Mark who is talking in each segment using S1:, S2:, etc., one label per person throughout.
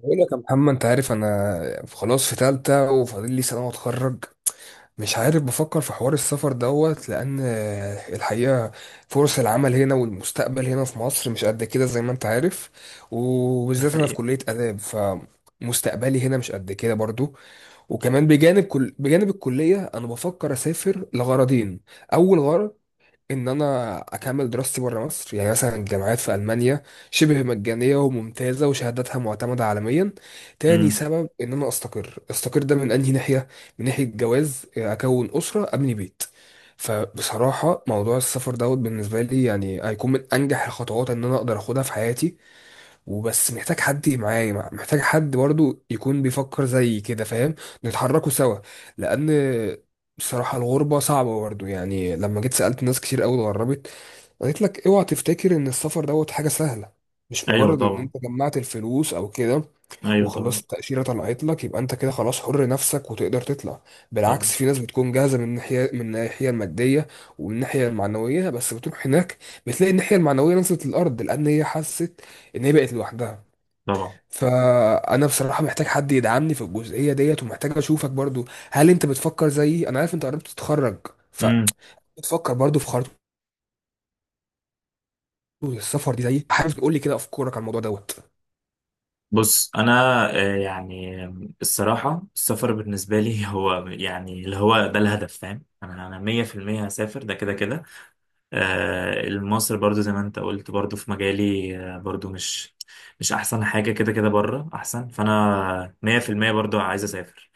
S1: بقول لك يا محمد، انت عارف انا خلاص في تالتة وفاضل لي سنة واتخرج. مش عارف، بفكر في حوار السفر دوت لان الحقيقة فرص العمل هنا والمستقبل هنا في مصر مش قد كده زي ما انت عارف. وبالذات انا في
S2: حقيقة.
S1: كلية آداب، فمستقبلي هنا مش قد كده برضو. وكمان بجانب الكلية انا بفكر اسافر لغرضين. اول غرض ان انا اكمل دراستي بره مصر، يعني مثلا الجامعات في المانيا شبه مجانيه وممتازه وشهاداتها معتمده عالميا. تاني
S2: امم.
S1: سبب ان انا استقر. ده من انهي ناحيه؟ من ناحيه جواز، اكون اسره، ابني بيت. فبصراحه موضوع السفر دوت بالنسبه لي يعني هيكون من انجح الخطوات ان انا اقدر اخدها في حياتي. وبس محتاج حد معايا، محتاج حد برضو يكون بيفكر زي كده، فاهم؟ نتحركوا سوا. لان بصراحة الغربة صعبة برضو. يعني لما جيت سألت ناس كتير قوي اتغربت، قالت لك اوعى تفتكر ان السفر دوت حاجة سهلة. مش
S2: ايوه
S1: مجرد ان
S2: طبعا.
S1: انت جمعت الفلوس او كده
S2: ايوه
S1: وخلاص
S2: طبعا.
S1: التأشيرة طلعت لك، يبقى انت كده خلاص حر نفسك وتقدر تطلع.
S2: طبعا.
S1: بالعكس، في ناس بتكون جاهزة من الناحية المادية ومن الناحية المعنوية، بس بتروح هناك بتلاقي الناحية المعنوية نزلت الأرض، لأن هي حست إن هي بقت لوحدها.
S2: طبعا.
S1: فانا بصراحه محتاج حد يدعمني في الجزئيه ديت ومحتاج اشوفك برضو. هل انت بتفكر زيي؟ انا عارف انت قربت تتخرج،
S2: امم.
S1: فبتفكر برضو في خطوه السفر دي زيي. حابب تقول لي كده افكارك على الموضوع دوت؟
S2: بص انا، يعني الصراحه السفر بالنسبه لي هو يعني اللي هو ده الهدف، فاهم، انا 100% هسافر ده كده كده. مصر برضو زي ما انت قلت برضو في مجالي، برضو مش احسن حاجه كده كده، بره احسن، فانا 100% برضو عايز اسافر.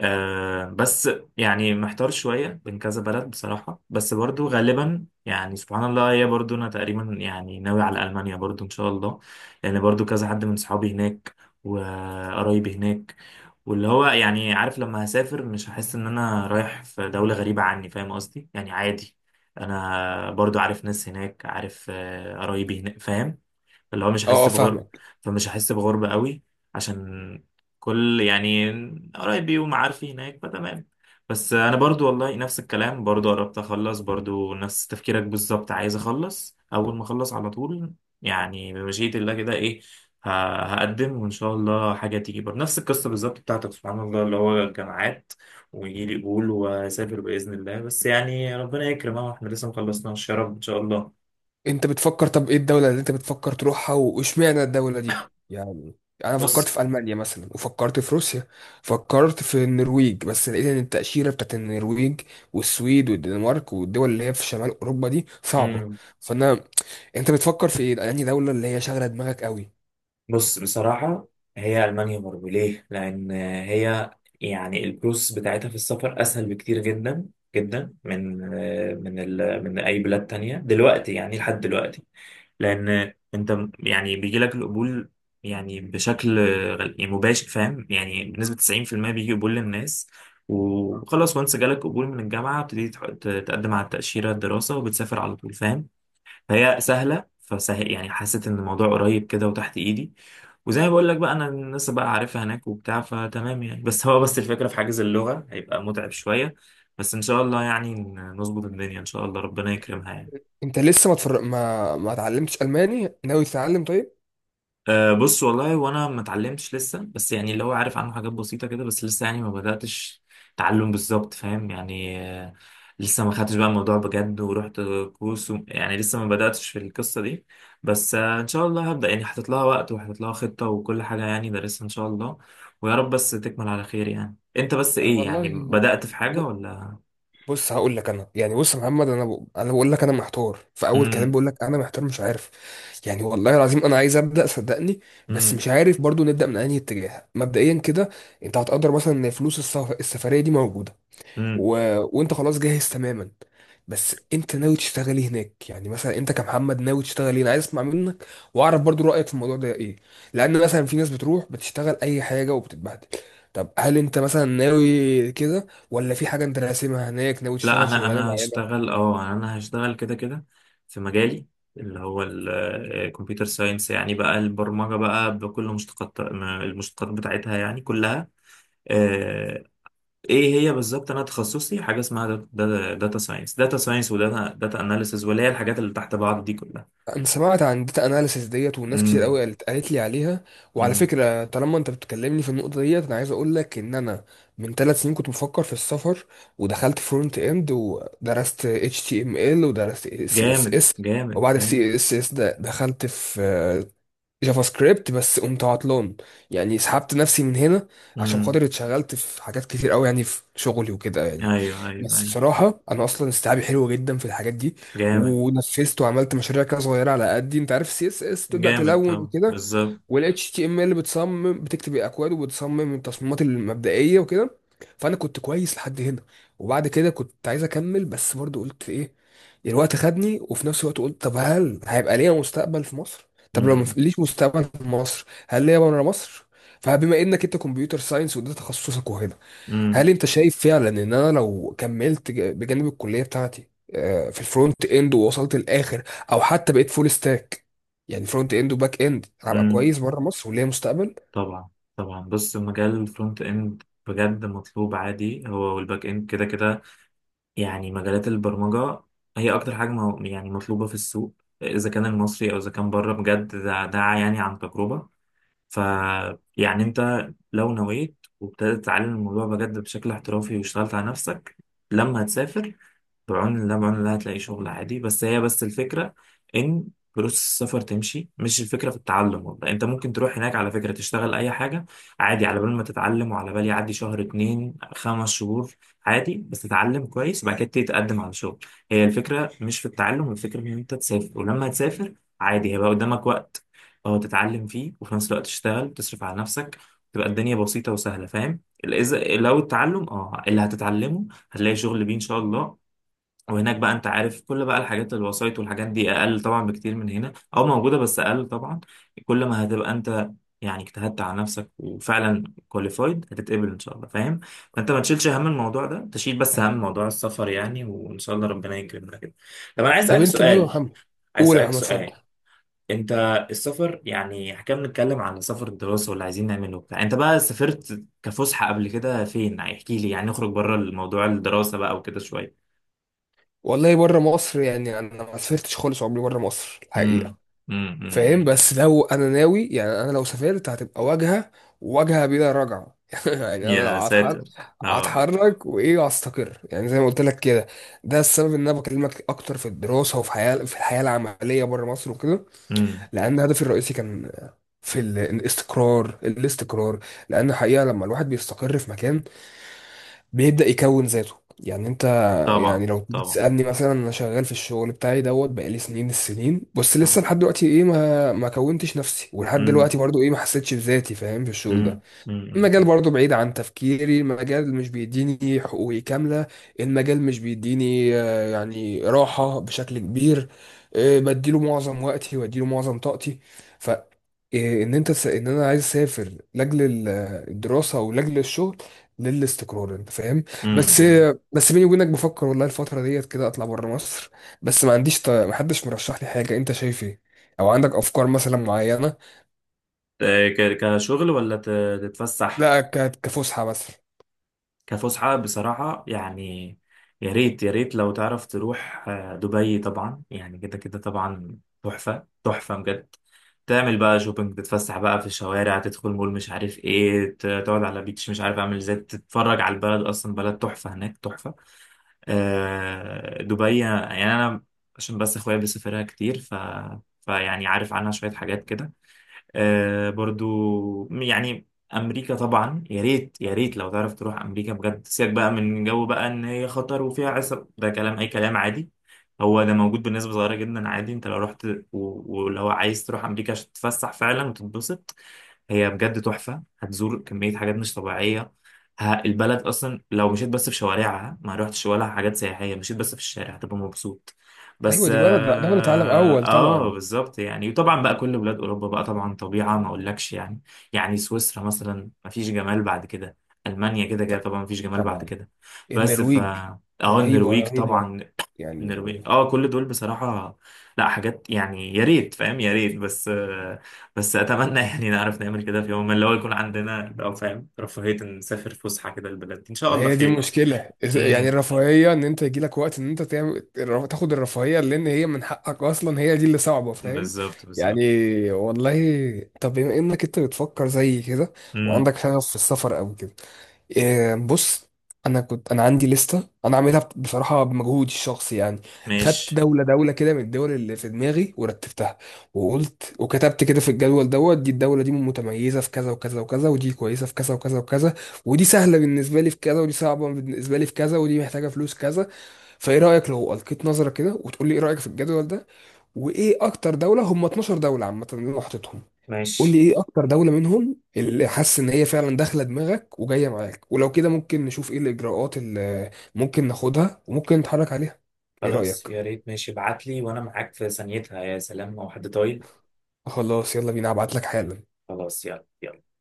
S2: بس يعني محتار شوية بين كذا بلد بصراحة، بس برضو غالبا يعني سبحان الله، هي برضو أنا تقريبا يعني ناوي على ألمانيا برضو إن شاء الله. لأن برضو كذا حد من صحابي هناك وقرايبي هناك، واللي هو يعني عارف، لما هسافر مش هحس إن أنا رايح في دولة غريبة عني، فاهم قصدي، يعني عادي. أنا برضو عارف ناس هناك، عارف، قرايبي هناك، فاهم، اللي هو مش
S1: اه
S2: هحس
S1: اه،
S2: بغربة.
S1: فاهمك.
S2: فمش هحس بغربة قوي، عشان كل يعني قرايبي ومعارفي هناك فتمام. بس انا برضو والله نفس الكلام، برضو قربت اخلص، برضو نفس تفكيرك بالظبط، عايز اخلص اول ما اخلص على طول، يعني بمشيئة الله كده، ايه، ه- هقدم وان شاء الله حاجة تيجي، برضو نفس القصة بالظبط بتاعتك سبحان الله، اللي هو الجامعات ويجي لي قبول واسافر باذن الله. بس يعني ربنا يكرم، اهو احنا لسه مخلصناش، يا رب ان شاء الله.
S1: انت بتفكر؟ طب ايه الدوله اللي انت بتفكر تروحها واشمعنى الدوله دي؟ يعني انا فكرت
S2: بس
S1: في المانيا مثلا، وفكرت في روسيا، فكرت في النرويج، بس لقيت ان التاشيره بتاعت النرويج والسويد والدنمارك والدول اللي هي في شمال اوروبا دي صعبه. فانا، انت بتفكر في ايه؟ يعني دولة اللي هي شاغلة دماغك قوي؟
S2: بص بصراحة، هي ألمانيا برضه ليه؟ لأن هي يعني البروسس بتاعتها في السفر أسهل بكتير، جدا جدا، من من ال من أي بلاد تانية دلوقتي، يعني لحد دلوقتي. لأن أنت يعني بيجي لك القبول، يعني بشكل يعني مباشر، فاهم، يعني بنسبة 90% بيجي قبول للناس. وخلاص، وانس جالك قبول من الجامعة بتبتدي تقدم على التأشيرة الدراسة وبتسافر على طول، فاهم. فهي سهله، فسهل يعني حسيت ان الموضوع قريب كده وتحت ايدي، وزي ما بقول لك بقى انا الناس بقى عارفها هناك وبتاع، فتمام يعني. بس هو بس الفكره في حاجز اللغه هيبقى متعب شويه، بس ان شاء الله يعني نظبط الدنيا، ان شاء الله ربنا يكرمها يعني.
S1: انت لسه ما تفر... ما ما اتعلمتش الماني، ناوي تتعلم؟ طيب،
S2: بص والله وانا ما اتعلمتش لسه، بس يعني اللي هو عارف عنه حاجات بسيطه كده، بس لسه يعني ما بداتش تعلم بالظبط، فاهم يعني. لسه ما خدتش بقى الموضوع بجد ورحت كورس و يعني لسه ما بداتش في القصه دي. بس ان شاء الله هبدا، يعني حاطط لها وقت وحاطط لها خطه وكل حاجه يعني دارسها ان شاء الله. ويا رب بس تكمل على خير، يعني انت بس
S1: انا
S2: ايه، يعني
S1: والله،
S2: بدات في
S1: ب...
S2: حاجه ولا؟
S1: بص هقول لك انا، يعني بص يا محمد، انا انا بقول لك انا محتار، في اول كلام
S2: امم.
S1: بقول لك انا محتار مش عارف. يعني والله العظيم انا عايز ابدا، صدقني، بس مش عارف برضو نبدا من انهي اتجاه مبدئيا كده. انت هتقدر مثلا ان فلوس السفرية دي موجودة، و...
S2: امم.
S1: وانت خلاص جاهز تماما، بس انت ناوي تشتغلي هناك؟ يعني مثلا انت كمحمد ناوي تشتغلي؟ انا عايز اسمع منك واعرف برضو رايك في الموضوع ده ايه. لان مثلا في ناس بتروح بتشتغل اي حاجه وبتتبهدل. طب هل انت مثلا ناوي كده، ولا في حاجه انت راسمها هناك ناوي
S2: لا،
S1: تشتغل
S2: انا
S1: شغلانه
S2: انا
S1: معينه؟
S2: هشتغل اه انا هشتغل كده كده في مجالي، اللي هو الكمبيوتر ساينس، يعني بقى البرمجة بقى بكل مشتقات المشتقات بتاعتها يعني كلها. آه، ايه هي بالظبط، انا تخصصي حاجة اسمها داتا ساينس وداتا اناليسز، واللي هي الحاجات اللي تحت بعض دي كلها.
S1: انا سمعت عن داتا اناليسيس ديت، والناس كتير
S2: امم.
S1: قوي قالت لي عليها. وعلى
S2: امم.
S1: فكره طالما انت بتكلمني في النقطه ديت، انا عايز اقول لك ان انا من 3 سنين كنت بفكر في السفر. ودخلت فرونت اند، ودرست اتش تي ام ال، ودرست سي اس
S2: جامد
S1: اس.
S2: جامد
S1: وبعد
S2: جامد.
S1: السي اس اس ده دخلت في جافا سكريبت، بس قمت عطلان. يعني سحبت نفسي من هنا عشان
S2: امم.
S1: خاطر اتشغلت في حاجات كتير قوي، يعني في شغلي وكده. يعني
S2: ايوه ايوه
S1: بس
S2: ايوه.
S1: بصراحة انا اصلا استيعابي حلو جدا في الحاجات دي.
S2: جامد.
S1: ونفذت وعملت مشاريع كده صغيرة على قدي. انت عارف، سي اس اس تبدأ
S2: جامد
S1: تلون
S2: طبعا
S1: وكده،
S2: بالظبط.
S1: وال HTML بتصمم، بتكتب الاكواد وبتصمم التصميمات المبدئيه وكده. فانا كنت كويس لحد هنا. وبعد كده كنت عايز اكمل، بس برضو قلت ايه، الوقت خدني. وفي نفس الوقت قلت طب هل هيبقى ليا مستقبل في مصر؟ طب لو ما
S2: امم.
S1: ليش مستقبل في مصر، هل ليا بره مصر؟ فبما انك انت كمبيوتر ساينس وده تخصصك وهنا، هل انت شايف فعلا ان انا لو كملت بجانب الكليه بتاعتي في الفرونت اند ووصلت الاخر، او حتى بقيت فول ستاك، يعني فرونت اند وباك اند، هبقى
S2: امم.
S1: كويس بره مصر وليا مستقبل؟
S2: طبعا. طبعا. بص مجال الفرونت اند بجد مطلوب عادي، هو والباك اند كده كده، يعني مجالات البرمجة هي اكتر حاجة يعني مطلوبة في السوق، اذا كان المصري او اذا كان بره، بجد ده يعني عن تجربة. ف يعني انت لو نويت وابتدت تتعلم الموضوع بجد بشكل احترافي واشتغلت على نفسك، لما هتسافر بعون الله، بعون الله هتلاقي شغل عادي. بس هي بس الفكرة إن فلوس السفر تمشي، مش الفكرة في التعلم. والله أنت ممكن تروح هناك على فكرة تشتغل أي حاجة عادي، على بال ما تتعلم، وعلى بال يعدي شهر اتنين 5 شهور عادي، بس تتعلم كويس. بعد كده تبتدي تقدم على شغل. هي الفكرة مش في التعلم، الفكرة إن أنت تسافر. ولما تسافر عادي هيبقى قدامك وقت تتعلم فيه، وفي نفس الوقت تشتغل وتصرف على نفسك، تبقى الدنيا بسيطة وسهلة، فاهم. إذا لو التعلم، اللي هتتعلمه هتلاقي شغل بيه ان شاء الله. وهناك بقى انت عارف كل بقى الحاجات الوسايط والحاجات دي اقل طبعا بكتير من هنا، او موجوده بس اقل طبعا. كل ما هتبقى انت يعني اجتهدت على نفسك وفعلا كواليفايد، هتتقبل ان شاء الله، فاهم. فانت ما تشيلش هم الموضوع ده، تشيل بس هم موضوع السفر يعني، وان شاء الله ربنا يكرمنا كده. طب انا عايز
S1: طب
S2: اسالك
S1: انت، لا يا
S2: سؤال.
S1: محمد.
S2: عايز
S1: قول يا
S2: اسالك
S1: محمد، اتفضل.
S2: سؤال. انت السفر يعني، احنا كنا بنتكلم على سفر الدراسه واللي عايزين نعمله وبتاع، انت بقى سافرت كفسحه قبل كده فين؟ احكي لي يعني، نخرج بره الموضوع الدراسه بقى وكده شويه.
S1: والله بره مصر يعني انا ما سافرتش خالص عمري بره مصر الحقيقه،
S2: امم. امم.
S1: فاهم.
S2: أمم.
S1: بس لو انا ناوي، يعني انا لو سافرت هتبقى واجهه، واجهه بلا رجعه يعني انا لو
S2: يا
S1: هتحرك،
S2: ساتر. اه.
S1: هتحرك وايه وهستقر، يعني زي ما قلت لك كده. ده السبب ان انا بكلمك اكتر في الدراسه وفي حياه في الحياه العمليه بره مصر وكده.
S2: امم.
S1: لان هدفي الرئيسي كان في الاستقرار. الاستقرار، لان الحقيقه لما الواحد بيستقر في مكان بيبدأ يكون ذاته. يعني انت، يعني
S2: طبعا.
S1: لو تيجي
S2: طبعا.
S1: تسألني مثلا، انا شغال في الشغل بتاعي دوت بقالي سنين السنين، بس لسه
S2: طبعا.
S1: لحد دلوقتي ايه ما ما كونتش نفسي، ولحد
S2: امم.
S1: دلوقتي برضو ايه ما حسيتش بذاتي، فاهم، في الشغل ده.
S2: امم. امم.
S1: المجال برضه بعيد عن تفكيري، المجال مش بيديني حقوقي كاملة، المجال مش بيديني يعني راحة بشكل كبير، بديله معظم وقتي واديله معظم طاقتي. ف آه، ان انا عايز اسافر لاجل الدراسة ولاجل الشغل للاستقرار، انت فاهم.
S2: أمم.
S1: بس
S2: أمم.
S1: بس بيني وبينك بفكر والله الفترة ديت كده اطلع بره مصر، بس ما عنديش محدش مرشح لي حاجة، انت شايف ايه؟ او عندك افكار مثلا معينة؟
S2: كشغل ولا تتفسح؟
S1: لا، كفسحة مثلا.
S2: كفسحة بصراحة يعني، يا ريت يا ريت لو تعرف تروح دبي. طبعا يعني كده كده طبعا، تحفة تحفة بجد. تعمل بقى شوبينج، تتفسح بقى في الشوارع، تدخل مول مش عارف ايه، تقعد على بيتش مش عارف اعمل ازاي، تتفرج على البلد، اصلا بلد تحفة، هناك تحفة. دبي يعني، انا عشان بس اخويا بيسافرها كتير، فيعني عارف عنها شوية حاجات كده. برضو يعني امريكا طبعا، يا ريت يا ريت لو تعرف تروح امريكا بجد. سيبك بقى من جو بقى ان هي خطر وفيها عصر، ده كلام اي كلام عادي. هو ده موجود بنسبة صغيرة جدا عادي، انت لو رحت، ولو عايز تروح امريكا عشان تتفسح فعلا وتتبسط هي بجد تحفة. هتزور كمية حاجات مش طبيعية، البلد أصلا لو مشيت بس في شوارعها ما روحتش ولا حاجات سياحية، مشيت بس في الشارع هتبقى مبسوط. بس
S1: ايوه، دي بلد، دولة عالم اول طبعا.
S2: بالظبط يعني. وطبعا بقى كل بلاد أوروبا بقى طبعا طبيعة ما أقولكش يعني، يعني سويسرا مثلا ما فيش جمال بعد كده، ألمانيا كده كده
S1: ط-
S2: طبعا ما فيش جمال بعد
S1: طبعا
S2: كده. بس ف
S1: النرويج
S2: اه
S1: رهيبة
S2: النرويج
S1: رهيبة.
S2: طبعا.
S1: يعني
S2: النرويج كل دول بصراحة، لا حاجات يعني يا ريت، فاهم، يا ريت. بس بس اتمنى يعني نعرف نعمل كده في يوم ما، اللي هو يكون عندنا كده، او فاهم رفاهية إن نسافر فسحة كده البلد دي. ان شاء
S1: ما
S2: الله
S1: هي دي
S2: خير.
S1: المشكلة، يعني
S2: امم.
S1: الرفاهية ان انت يجيلك وقت ان انت تعمل تاخد الرفاهية، لان هي من حقك اصلا، هي دي اللي صعبة، فاهم.
S2: بالظبط
S1: يعني
S2: بالظبط.
S1: والله طب بما انك انت بتفكر زي كده
S2: امم.
S1: وعندك شغف في السفر او كده، بص، انا كنت، انا عندي لسته انا عاملها بصراحه بمجهودي الشخصي يعني. خدت
S2: ماشي.
S1: دوله دوله كده من الدول اللي في دماغي ورتبتها. وقلت وكتبت كده في الجدول دوت، دي الدوله دي متميزه في كذا وكذا وكذا، ودي كويسه في كذا وكذا وكذا، ودي سهله بالنسبه لي في كذا، ودي صعبه بالنسبه لي في كذا، ودي محتاجه فلوس كذا. فايه رايك لو القيت نظره كده وتقول لي ايه رايك في الجدول ده، وايه اكتر دوله، هم 12 دوله عامه اللي انا حاططهم. قول لي
S2: ماشي.
S1: ايه اكتر دولة منهم اللي حاسس ان هي فعلا داخلة دماغك وجاية معاك، ولو كده ممكن نشوف ايه الاجراءات اللي ممكن ناخدها وممكن نتحرك عليها. ايه
S2: خلاص
S1: رأيك؟
S2: يا ريت، ماشي ابعت لي وانا معاك في ثانيتها، يا سلام لو حد طايل.
S1: خلاص، يلا بينا، هبعت لك حالا.
S2: خلاص يلا يلا.